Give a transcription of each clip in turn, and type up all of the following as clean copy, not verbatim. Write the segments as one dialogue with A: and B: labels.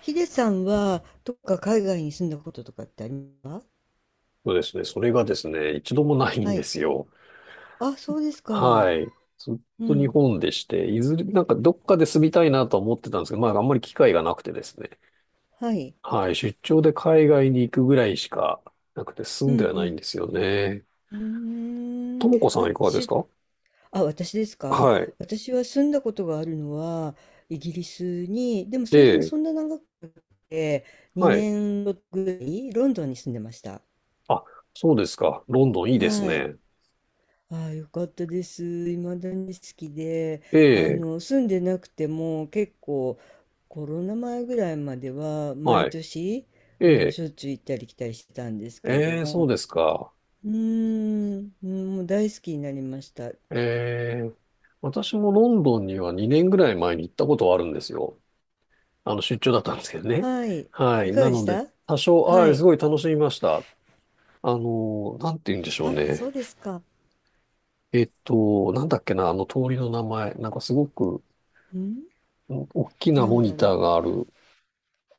A: ヒデさんは、どっか海外に住んだこととかってありますか？
B: そうですね。それがですね、一度もないん
A: は
B: で
A: い。
B: すよ。
A: あ、そうですか。
B: はい。ずっ
A: う
B: と日
A: ん。
B: 本でして、いずれ、なんかどっかで住みたいなとは思ってたんですけど、まああんまり機会がなくてですね。
A: はい。
B: はい。出張で海外に行くぐらいしかなくて住
A: う
B: ん
A: ん
B: では
A: う
B: ないん
A: ん。
B: ですよね。
A: うー
B: と
A: ん。
B: もこさん
A: あ、
B: いかがですか？
A: あ、私ですか？
B: はい。
A: 私は住んだことがあるのは、イギリスに、でも
B: え
A: それでもそん
B: え。
A: な長くて、
B: はい。
A: 2年ぐらいロンドンに住んでました。
B: あ、そうですか。ロンドンいいです
A: はい。
B: ね。
A: ああ、よかったです。未だに好きで、
B: ええ。
A: 住んでなくても結構コロナ前ぐらいまでは毎
B: はい。
A: 年、
B: え
A: うん、
B: え。
A: しょっちゅう行ったり来たりしてたんですけれど
B: ええ、そう
A: も、
B: ですか。
A: うーん、うん、もう大好きになりました。
B: ええ。私もロンドンには2年ぐらい前に行ったことはあるんですよ。あの、出張だったんですけどね。
A: はい。
B: は
A: い
B: い。
A: かが
B: な
A: で
B: の
A: し
B: で、
A: た？
B: 多少、は
A: は
B: い、す
A: い。
B: ごい楽しみました。あの、なんて言うんでしょう
A: あ、そ
B: ね。
A: うですか。
B: なんだっけな、あの通りの名前。なんかすごく、
A: うん、
B: 大きな
A: な
B: モ
A: んだ
B: ニ
A: ろ
B: タ
A: う。
B: ーがある。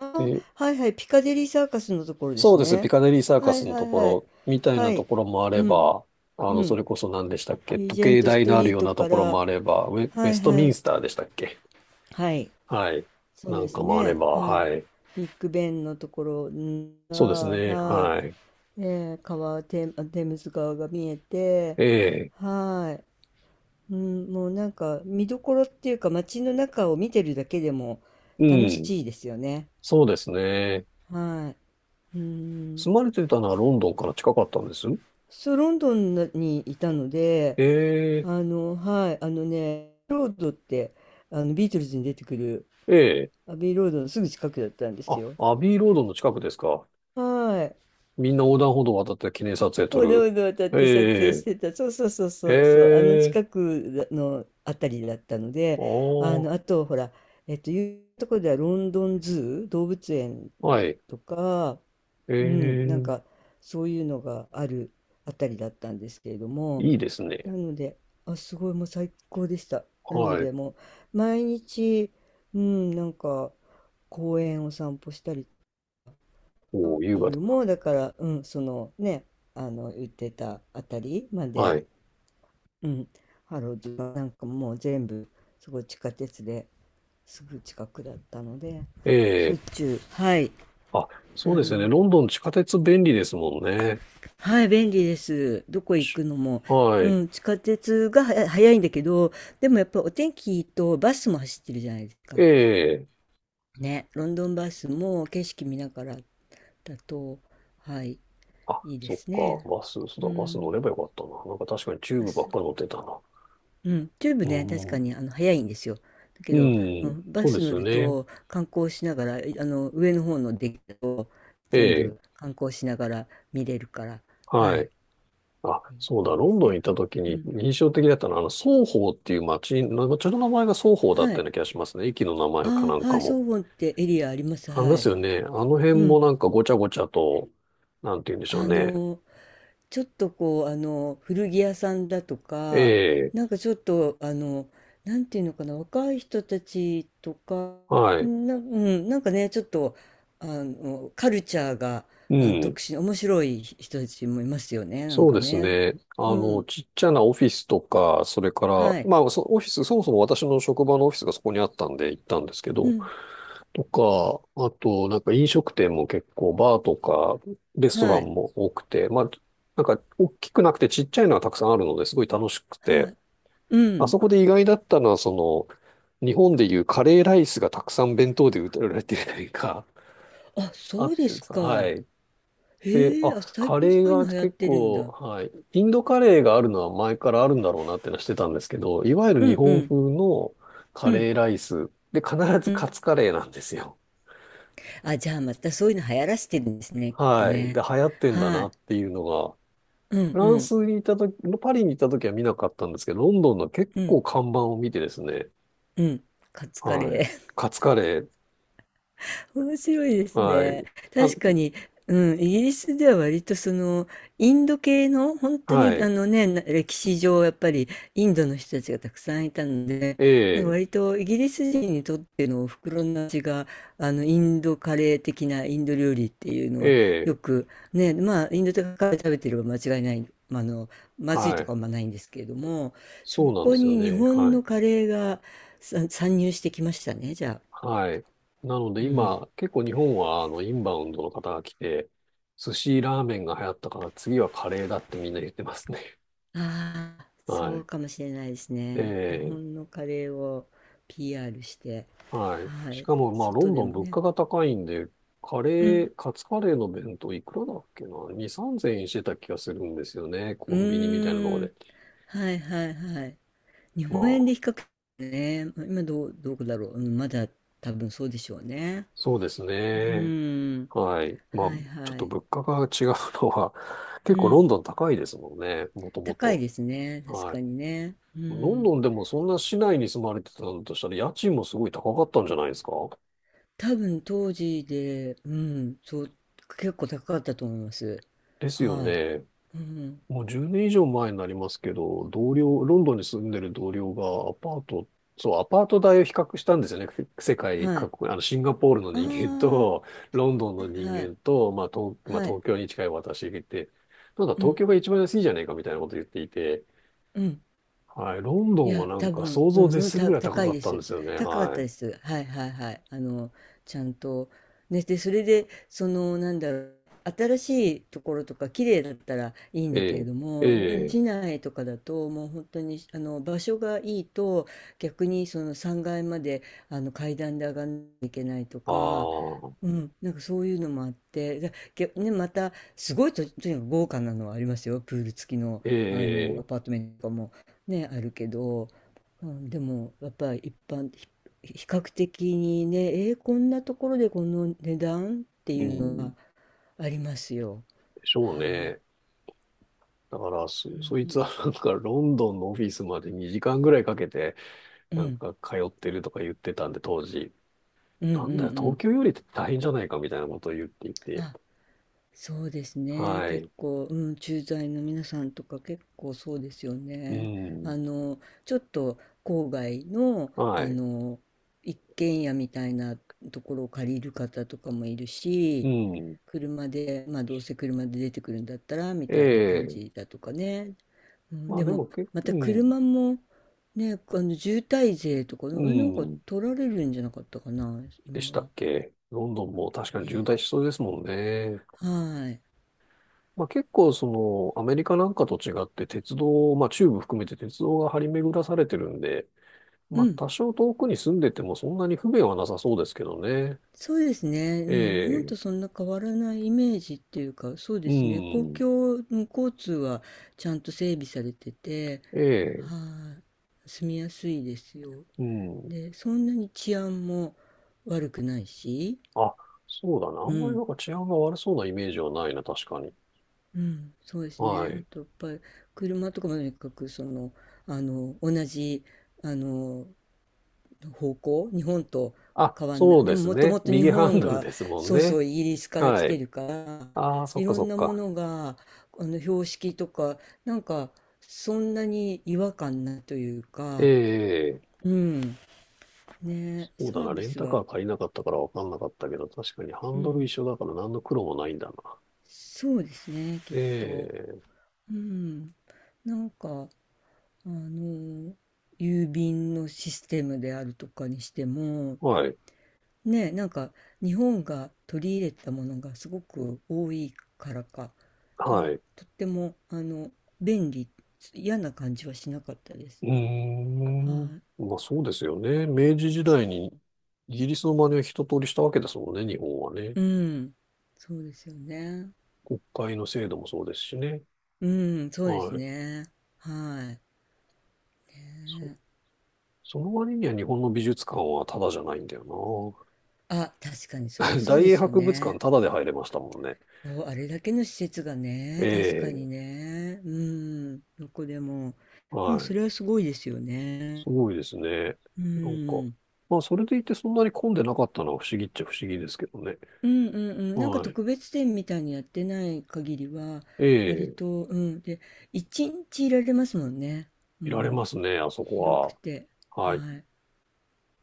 A: あ、
B: で、
A: はいはい。ピカデリーサーカスのところで
B: そう
A: す
B: です。ピ
A: ね。
B: カデリーサーカ
A: は
B: ス
A: い
B: の
A: は
B: と
A: い
B: こ
A: はい。
B: ろ、みたい
A: は
B: なと
A: い。
B: ころもあ
A: う
B: れ
A: ん、
B: ば、あ
A: う
B: の、そ
A: ん。
B: れこそ何でしたっけ、
A: リー
B: 時
A: ジェン
B: 計
A: トス
B: 台
A: ト
B: のある
A: リー
B: よう
A: ト
B: なと
A: か
B: ころ
A: ら、
B: もあれば、ウェ、ウ
A: は
B: ェ
A: い
B: スト
A: は
B: ミン
A: い。
B: スターでしたっけ？
A: はい。
B: はい。
A: そう
B: な
A: で
B: んか
A: す
B: もあれ
A: ね。
B: ば、
A: はい。
B: はい。
A: ビッグベンのところが、
B: そうですね。
A: は
B: はい。
A: い。テムズ川が見えて、
B: ええ。
A: はい。うん、もうなんか見どころっていうか街の中を見てるだけでも
B: う
A: 楽
B: ん。
A: しいですよね。
B: そうですね。
A: はい。うん。
B: 住まれてたのはロンドンから近かったんです
A: そう、ロンドンにいたので、
B: ええ、
A: はい、ロードって、ビートルズに出てくる
B: ええ。
A: アビーロードのすぐ近くだったんです
B: あ、
A: よ。
B: アビーロードの近くですか。
A: はい。
B: みんな横断歩道を渡って記念撮影撮
A: おど
B: る。
A: おどを渡って撮影し
B: ええ、
A: てた。そうそうそう
B: え
A: そうそう。あの
B: え、
A: 近くのあたりだったの
B: あ
A: で、
B: あ、
A: あと、ほら、いうところではロンドンズー、動物園
B: はい。
A: とか、
B: え
A: うん、なん
B: え、
A: か、そういうのがあるあたりだったんですけれども、
B: いいです
A: な
B: ね。
A: ので、あ、すごい、もう最高でした。なの
B: は
A: で、
B: い。
A: もう、毎日、うん、なんか、公園を散歩したりショ
B: お
A: ッ
B: ー、優
A: ピ
B: 雅
A: ン
B: だ
A: グもだから、うん、そのね、あの言ってたあたりま
B: な。は
A: で、
B: い。
A: うん、ハローズはなんかもう全部すごい地下鉄ですぐ近くだったので、
B: え
A: しょっ
B: え、
A: ちゅう、はい、
B: あ、
A: あ
B: そうですよ
A: の、
B: ね。ロンドン地下鉄便利ですもんね。
A: はい、便利です。どこ行
B: ち
A: くのも。
B: は
A: う
B: い。
A: ん、地下鉄がは早いんだけど、でもやっぱお天気とバスも走ってるじゃないですか。
B: ええ、
A: ね、ロンドンバスも景色見ながらだと、はい、
B: あ、
A: いいで
B: そっ
A: すね。
B: か。バス、そう
A: う
B: だ、バス乗
A: ん、
B: ればよかったな。なんか確かにチュー
A: バ
B: ブばっ
A: ス。
B: かり乗ってたな。
A: うん、チューブ
B: う
A: ね、確か
B: ん
A: に早いんですよ。だけ
B: う
A: ど、う
B: ん、
A: ん、バ
B: そうで
A: ス
B: す
A: 乗
B: よ
A: る
B: ね。
A: と観光しながら、あの上の方のデッキを
B: え
A: 全
B: え、
A: 部観光しながら見れるから、は
B: は
A: い、
B: い。あ、そう
A: い
B: だ、
A: いで
B: ロン
A: す
B: ドン行
A: ね。
B: った時
A: う
B: に
A: ん、
B: 印象的だったのは、あの、ソーホーっていう街、な街の名前がソーホーだっ
A: は
B: たよ
A: い。
B: うな気がしますね。駅の名前かな
A: あ
B: ん
A: あ、は
B: か
A: い、ソ
B: も。
A: ウォンってエリアあります。
B: ありま
A: は
B: す
A: い。
B: よね。あの
A: う
B: 辺
A: ん。
B: もなんかごちゃごちゃと、なんて言うんでしょう
A: あ
B: ね。
A: の、ちょっとこう、古着屋さんだと
B: え
A: か、
B: え、
A: なんかちょっと、なんていうのかな、若い人たちとか、
B: はい。
A: うん、なんかね、ちょっと、カルチャーが、
B: うん。
A: 特殊面白い人たちもいますよね、なん
B: そう
A: か
B: です
A: ね。
B: ね。
A: う
B: あの、
A: ん。
B: ちっちゃなオフィスとか、それから、
A: はい。
B: まあ、そオフィス、そもそも私の職場のオフィスがそこにあったんで行ったんですけ
A: う
B: ど、
A: ん。
B: とか、あと、なんか飲食店も結構、バーとか、レストラ
A: は
B: ン
A: い。
B: も多くて、まあ、なんか大きくなくてちっちゃいのはたくさんあるのですごい楽しく
A: は
B: て、
A: い。う
B: あ
A: ん。
B: そこで意外だったのは、その、日本でいうカレーライスがたくさん弁当で売られてるというか、
A: あ、
B: あ
A: そ
B: っ
A: うで
B: て
A: す
B: さ、は
A: か。
B: い。で、
A: へえ、
B: あ、
A: あ、最
B: カ
A: 近そ
B: レー
A: ういう
B: が
A: の流行っ
B: 結
A: てるん
B: 構、
A: だ。
B: はい。インドカレーがあるのは前からあるんだろうなってのはしてたんですけど、いわゆる
A: う
B: 日
A: んう
B: 本
A: ん。
B: 風の
A: う
B: カ
A: ん。
B: レーライスで必
A: う
B: ずカ
A: ん。
B: ツカレーなんですよ。
A: あ、じゃあまたそういうの流行らせてるんですね、きっと
B: はい。で、
A: ね。
B: 流行ってんだ
A: は
B: な
A: い。
B: っていうのが、
A: うん
B: フラ
A: う
B: ン
A: ん。
B: スにいたとき、パリにいたときは見なかったんですけど、ロンドンの結
A: うん
B: 構看板を見てですね、
A: うん。カツカ
B: は
A: レ
B: い。
A: ー。
B: カツカレー、
A: 面白いです
B: は
A: ね。
B: い。あ、
A: 確かに、うん、イギリスでは割とそのインド系の本当
B: は
A: に
B: い。
A: 歴史上やっぱりインドの人たちがたくさんいたので、
B: え
A: なんか
B: え、
A: 割とイギリス人にとってのお袋の味があのインドカレー的なインド料理っていうの
B: え
A: はよ
B: え、
A: くね、まあインドとかカレー食べてれば間違いない、まあまずい
B: は
A: とか
B: い。
A: はあんまないんですけれども、そ
B: そうなんで
A: こ
B: すよ
A: に日
B: ね。
A: 本
B: はい。
A: のカレーが参入してきましたね、じゃあ。
B: はい。なので
A: うん。
B: 今、結構日本は、あの、インバウンドの方が来て、寿司ラーメンが流行ったから次はカレーだってみんな言ってますね。
A: ああ、
B: は
A: そう
B: い。
A: かもしれないですね。日
B: ええ。
A: 本のカレーを PR して、
B: はい。
A: は
B: し
A: い、
B: かも、まあ、ロ
A: 外
B: ン
A: で
B: ドン
A: も
B: 物
A: ね。
B: 価が高いんで、カ
A: う
B: レ
A: ん、
B: ー、カツカレーの弁当いくらだっけな？ 2、3000円してた気がするんですよね。
A: う
B: コンビニみたいなとこ
A: ーん、
B: で。
A: はいはいはい。日
B: ま
A: 本円
B: あ、
A: で比較ね、今どう、どこだろう。うん、まだ多分そうでしょうね。
B: そうです
A: う
B: ね。
A: ーん、
B: はい。まあ、
A: はい
B: ちょっ
A: は
B: と
A: い。
B: 物価が違うのは、結
A: う
B: 構ロ
A: ん、
B: ンドン高いですもんね。もとも
A: 高い
B: と。
A: ですね。確
B: はい。
A: かにね。う
B: ロン
A: ん、
B: ドンでもそんな市内に住まれてたんだとしたら、家賃もすごい高かったんじゃないですか？
A: 多分当時で、うん、そう、結構高かったと思います。
B: ですよ
A: はい。
B: ね。
A: うん、
B: もう10年以上前になりますけど、同僚、ロンドンに住んでる同僚がアパート、そう、アパート代を比較したんですよね。世界
A: はい。
B: 各国、あの、シンガポールの
A: あ
B: 人間
A: あ、
B: と、ロンドン
A: は
B: の
A: い
B: 人
A: はい。
B: 間と、まあ、東、まあ、
A: はい。
B: 東京に近い私がいて、なんだ、
A: う
B: 東
A: ん、
B: 京が一番安いじゃないかみたいなこと言っていて、
A: うん。
B: はい、ロンド
A: い
B: ンは
A: や、
B: なん
A: 多
B: か
A: 分、
B: 想
A: う
B: 像を
A: ん、
B: 絶
A: うん
B: するぐ
A: た、
B: らい高
A: 高
B: か
A: い
B: っ
A: で
B: たんで
A: す。
B: すよね。
A: 高かっ
B: は
A: た
B: い。
A: です。はいはいはい。ちゃんと。ね、で、それで、その、なんだろう、新しいところとか、綺麗だったらいいんだ
B: え
A: けれ
B: え、
A: ど
B: え
A: も、うん、
B: え、
A: 市内とかだと、もう本当に、場所がいいと、逆にその3階まで、階段で上がんなきゃいけないと
B: あ
A: か、う
B: あ、
A: ん、なんかそういうのもあって、けね、また、すごいと、とにかく豪華なのはありますよ。プール付きの、
B: え
A: ア
B: え、
A: パートメントとかも。ね、あるけど、うん、でもやっぱり一般ひ比較的にね、こんなところでこの値段って
B: う
A: いうの
B: ん、で
A: はありますよ。
B: しょう
A: はい、
B: ね。だから、
A: う
B: そ、
A: ん
B: そい
A: う
B: つは
A: ん、
B: なんかロンドンのオフィスまで2時間ぐらいかけて、
A: う
B: なん
A: ん
B: か通ってるとか言ってたんで、当時、
A: うんうんう
B: なんだよ、東
A: ん、
B: 京より大変じゃないかみたいなことを言っていて、
A: あ、そうですね、
B: は
A: 結
B: い、
A: 構、うん、駐在の皆さんとか結構そうですよ
B: う
A: ね。
B: ん、
A: あのちょっと郊外の
B: はい、
A: 一軒家みたいなところを借りる方とかもいる
B: う
A: し、
B: ん、
A: 車で、まあどうせ車で出てくるんだったらみ
B: え
A: たいな感
B: え、
A: じだとかね。うん、
B: まあ
A: で
B: で
A: も
B: も結
A: ま
B: 構、
A: た
B: うん、
A: 車もね、渋滞税とかね、
B: う
A: え、なんか
B: ん、
A: 取られるんじゃなかったかな、
B: で
A: 今
B: した
A: は。
B: っけ。ロンドンも確かに渋
A: ね。
B: 滞しそうですもんね。
A: はい。
B: まあ、結構そのアメリカなんかと違って鉄道、まあ中部含めて鉄道が張り巡らされてるんで、
A: う
B: まあ、
A: ん。
B: 多少遠くに住んでてもそんなに不便はなさそうですけどね。
A: そうですね。う
B: え
A: ん。日本
B: え、
A: とそんな変わらないイメージっていうか、そうで
B: う
A: すね。公
B: ん、
A: 共、うん、交通はちゃんと整備されてて、
B: ええ、
A: はい。住みやすいですよ。
B: うん。
A: で、そんなに治安も悪くないし、
B: あ、そうだな。あ
A: う
B: んまり
A: ん。
B: なんか治安が悪そうなイメージはないな、確かに。
A: うん。そうです
B: は
A: ね。あ
B: い。
A: とやっぱり車とかもとにかく同じあの方向、日本と
B: あ、
A: 変わんな
B: そう
A: い。で
B: で
A: も
B: す
A: もと
B: ね。
A: もと日
B: 右ハン
A: 本
B: ドル
A: は
B: ですもん
A: そうそ
B: ね。
A: うイギリスから来
B: は
A: て
B: い。
A: るから、
B: ああ、そっ
A: い
B: か
A: ろ
B: そ
A: ん
B: っ
A: なも
B: か。
A: のが標識とかなんかそんなに違和感ないという
B: え
A: か、
B: え、
A: うん。ね、
B: そう
A: サ
B: だ
A: ー
B: な。
A: ビ
B: レン
A: ス
B: タ
A: は、
B: カー借りなかったからわかんなかったけど、確かにハ
A: う
B: ンドル一
A: ん、
B: 緒だから何の苦労もないんだな。
A: そうですね、きっ
B: え
A: と。
B: え、
A: うん。なんか。あの、郵便のシステムであるとかにしても、
B: はい。
A: ね、なんか日本が取り入れたものがすごく多いからか、な
B: は
A: ん
B: い。
A: とっても、便利、嫌な感じはしなかったです。
B: う
A: は
B: ーん。まあそうですよね。明治時代にイギリスの真似を一通りしたわけですもんね、日本はね。
A: い。うん。そうですよね。
B: 国会の制度もそうですしね。
A: うん、そうで
B: は
A: す
B: い。
A: ね。はい。
B: そ、
A: ね
B: その割には日本の美術館はタダじゃないんだよ
A: あ、確かにそれは
B: な。
A: そう
B: 大
A: で
B: 英
A: すよ
B: 博物館
A: ね。
B: タダで入れましたもんね。
A: そう、あれだけの施設が
B: え
A: ね、確かに
B: え、
A: ね。うん、どこでも。うん、
B: は
A: そ
B: い。
A: れはすごいですよ
B: す
A: ね。
B: ごいですね。
A: う
B: なんか、
A: ん。
B: まあそれでいてそんなに混んでなかったのは不思議っちゃ不思議ですけどね。
A: うんうんうん。なんか
B: はい。
A: 特別展みたいにやってない限りは、
B: え
A: 割
B: え、
A: と、うん。で、一日いられますもんね。
B: いられ
A: もう、
B: ますね、あそこ
A: 広く
B: は。
A: て。
B: はい。
A: はい。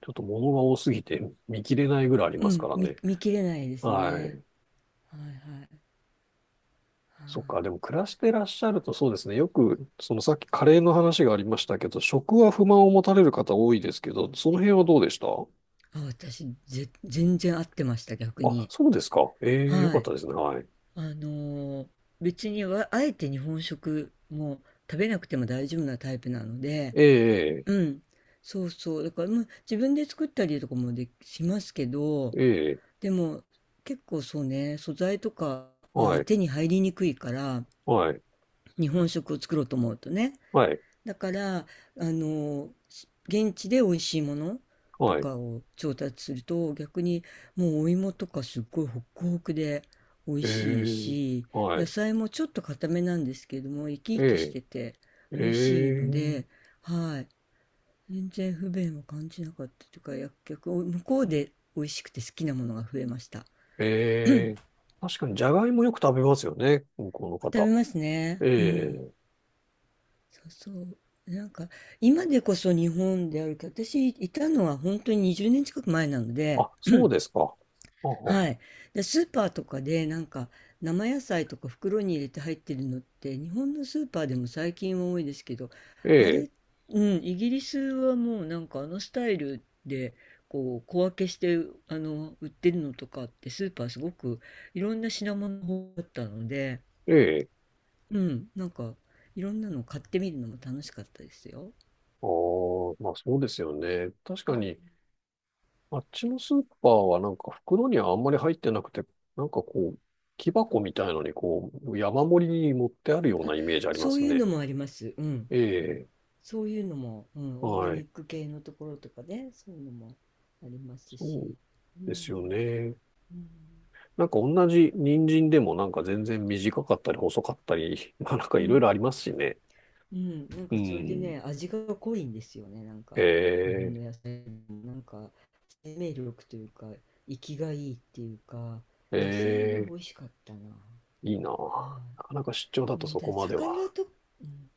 B: ちょっと物が多すぎて見切れないぐらいあり
A: う
B: ますか
A: ん、
B: らね。
A: 見切れないです
B: は
A: ね。
B: い。
A: はいはい。は
B: そっか、でも
A: い。
B: 暮らしてらっしゃるとそうですね。よく、そのさっきカレーの話がありましたけど、食は不満を持たれる方多いですけど、その辺はどうでした？
A: あ、私、全然合ってました、逆
B: あ、
A: に。
B: そうですか。ええ、よ
A: は
B: かっ
A: い。
B: たですね。はい。
A: あのー別にわあえて日本食も食べなくても大丈夫なタイプなので、
B: ええ、
A: うん、そうそう、だから、まあ、自分で作ったりとかもできしますけど、
B: ええ、
A: でも結構そうね、素材とかは
B: はい、
A: 手に入りにくいから、
B: はい、
A: 日本食を作ろうと思うとね、
B: はい、
A: だから、の、現地で美味しいものと
B: はい。
A: かを調達すると、逆にもうお芋とかすっごいホクホクで美味
B: え
A: しい
B: え、
A: し、
B: は
A: 野
B: い、
A: 菜もちょっと固めなんですけれども、生き生きし
B: ええ、
A: てて
B: え
A: 美味しいの
B: え、
A: で、はい。全然不便を感じなかったというか、逆、向こうで美味しくて好きなものが増えました。
B: ええ。確かに、じゃがいもよく食べますよね。向こうの
A: 食べ
B: 方。
A: ますね。
B: え
A: うん。
B: え。
A: そうそう。なんか、今でこそ日本であるけど、私いたのは本当に20年近く前なので、
B: あ、そうですか。あは
A: はい。で、スーパーとかで、なんか、生野菜とか袋に入れて入ってるのって、日本のスーパーでも最近は多いですけど、
B: え
A: あ
B: え、
A: れ、うん、イギリスはもうなんかあのスタイルで、こう、小分けして、売ってるのとかって、スーパーすごくいろんな品物があったので、
B: ええ。
A: うん、なんか、いろんなの買ってみるのも楽しかったですよ。
B: ああ、まあそうですよね。確かに、あっちのスーパーはなんか袋にはあんまり入ってなくて、なんかこう、木箱みたいのにこう、山盛りに持ってあるようなイメージありま
A: そう
B: す
A: いう
B: ね。
A: のもあります。うん。
B: ええ、
A: そういうのも、うん、オーガ
B: は
A: ニ
B: い。
A: ック系のところとかね、そういうのもあります
B: そう
A: し。うん、
B: ですよね。
A: うん、
B: なんか同じ人参でもなんか全然短かったり細かったり、まあなんか
A: う
B: いろい
A: ん、
B: ろありますしね。
A: うん、なん
B: う
A: かそれで
B: ん。
A: ね、味が濃いんですよね、なん
B: え
A: か、日本
B: え、
A: の野菜も、なんか、生命力というか、生きがいいっていうか、
B: え
A: 野菜は美
B: え、
A: 味しかったな。
B: いいな。
A: は
B: なかなか出張だ
A: い、う
B: と
A: ん、
B: そ
A: た
B: こ
A: だ
B: まで
A: 魚
B: は。
A: と、うん、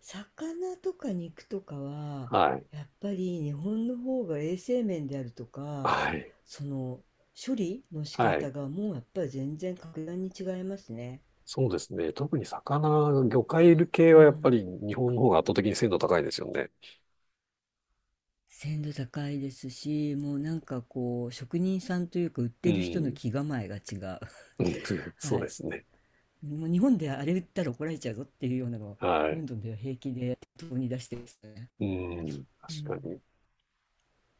A: 魚とか肉とかは
B: はい。
A: やっぱり日本の方が衛生面であるとか
B: はい。
A: その処理の仕
B: はい。
A: 方がもうやっぱり全然格段に違いますね。
B: そうですね。特に魚介系
A: う
B: はやっぱ
A: ん、
B: り日本の方が圧倒的に鮮度高いですよね。
A: 鮮度高いですし、もうなんかこう職人さんというか売っ
B: う
A: てる人の
B: ん。
A: 気構えが違う。
B: うん そ
A: は
B: うで
A: い、
B: すね。
A: もう日本であれ売ったら怒られちゃうぞっていうようなのを
B: は
A: ロン
B: い。
A: ドンでは平気で当に出してますね。
B: うん。
A: う
B: 確か
A: ん
B: に。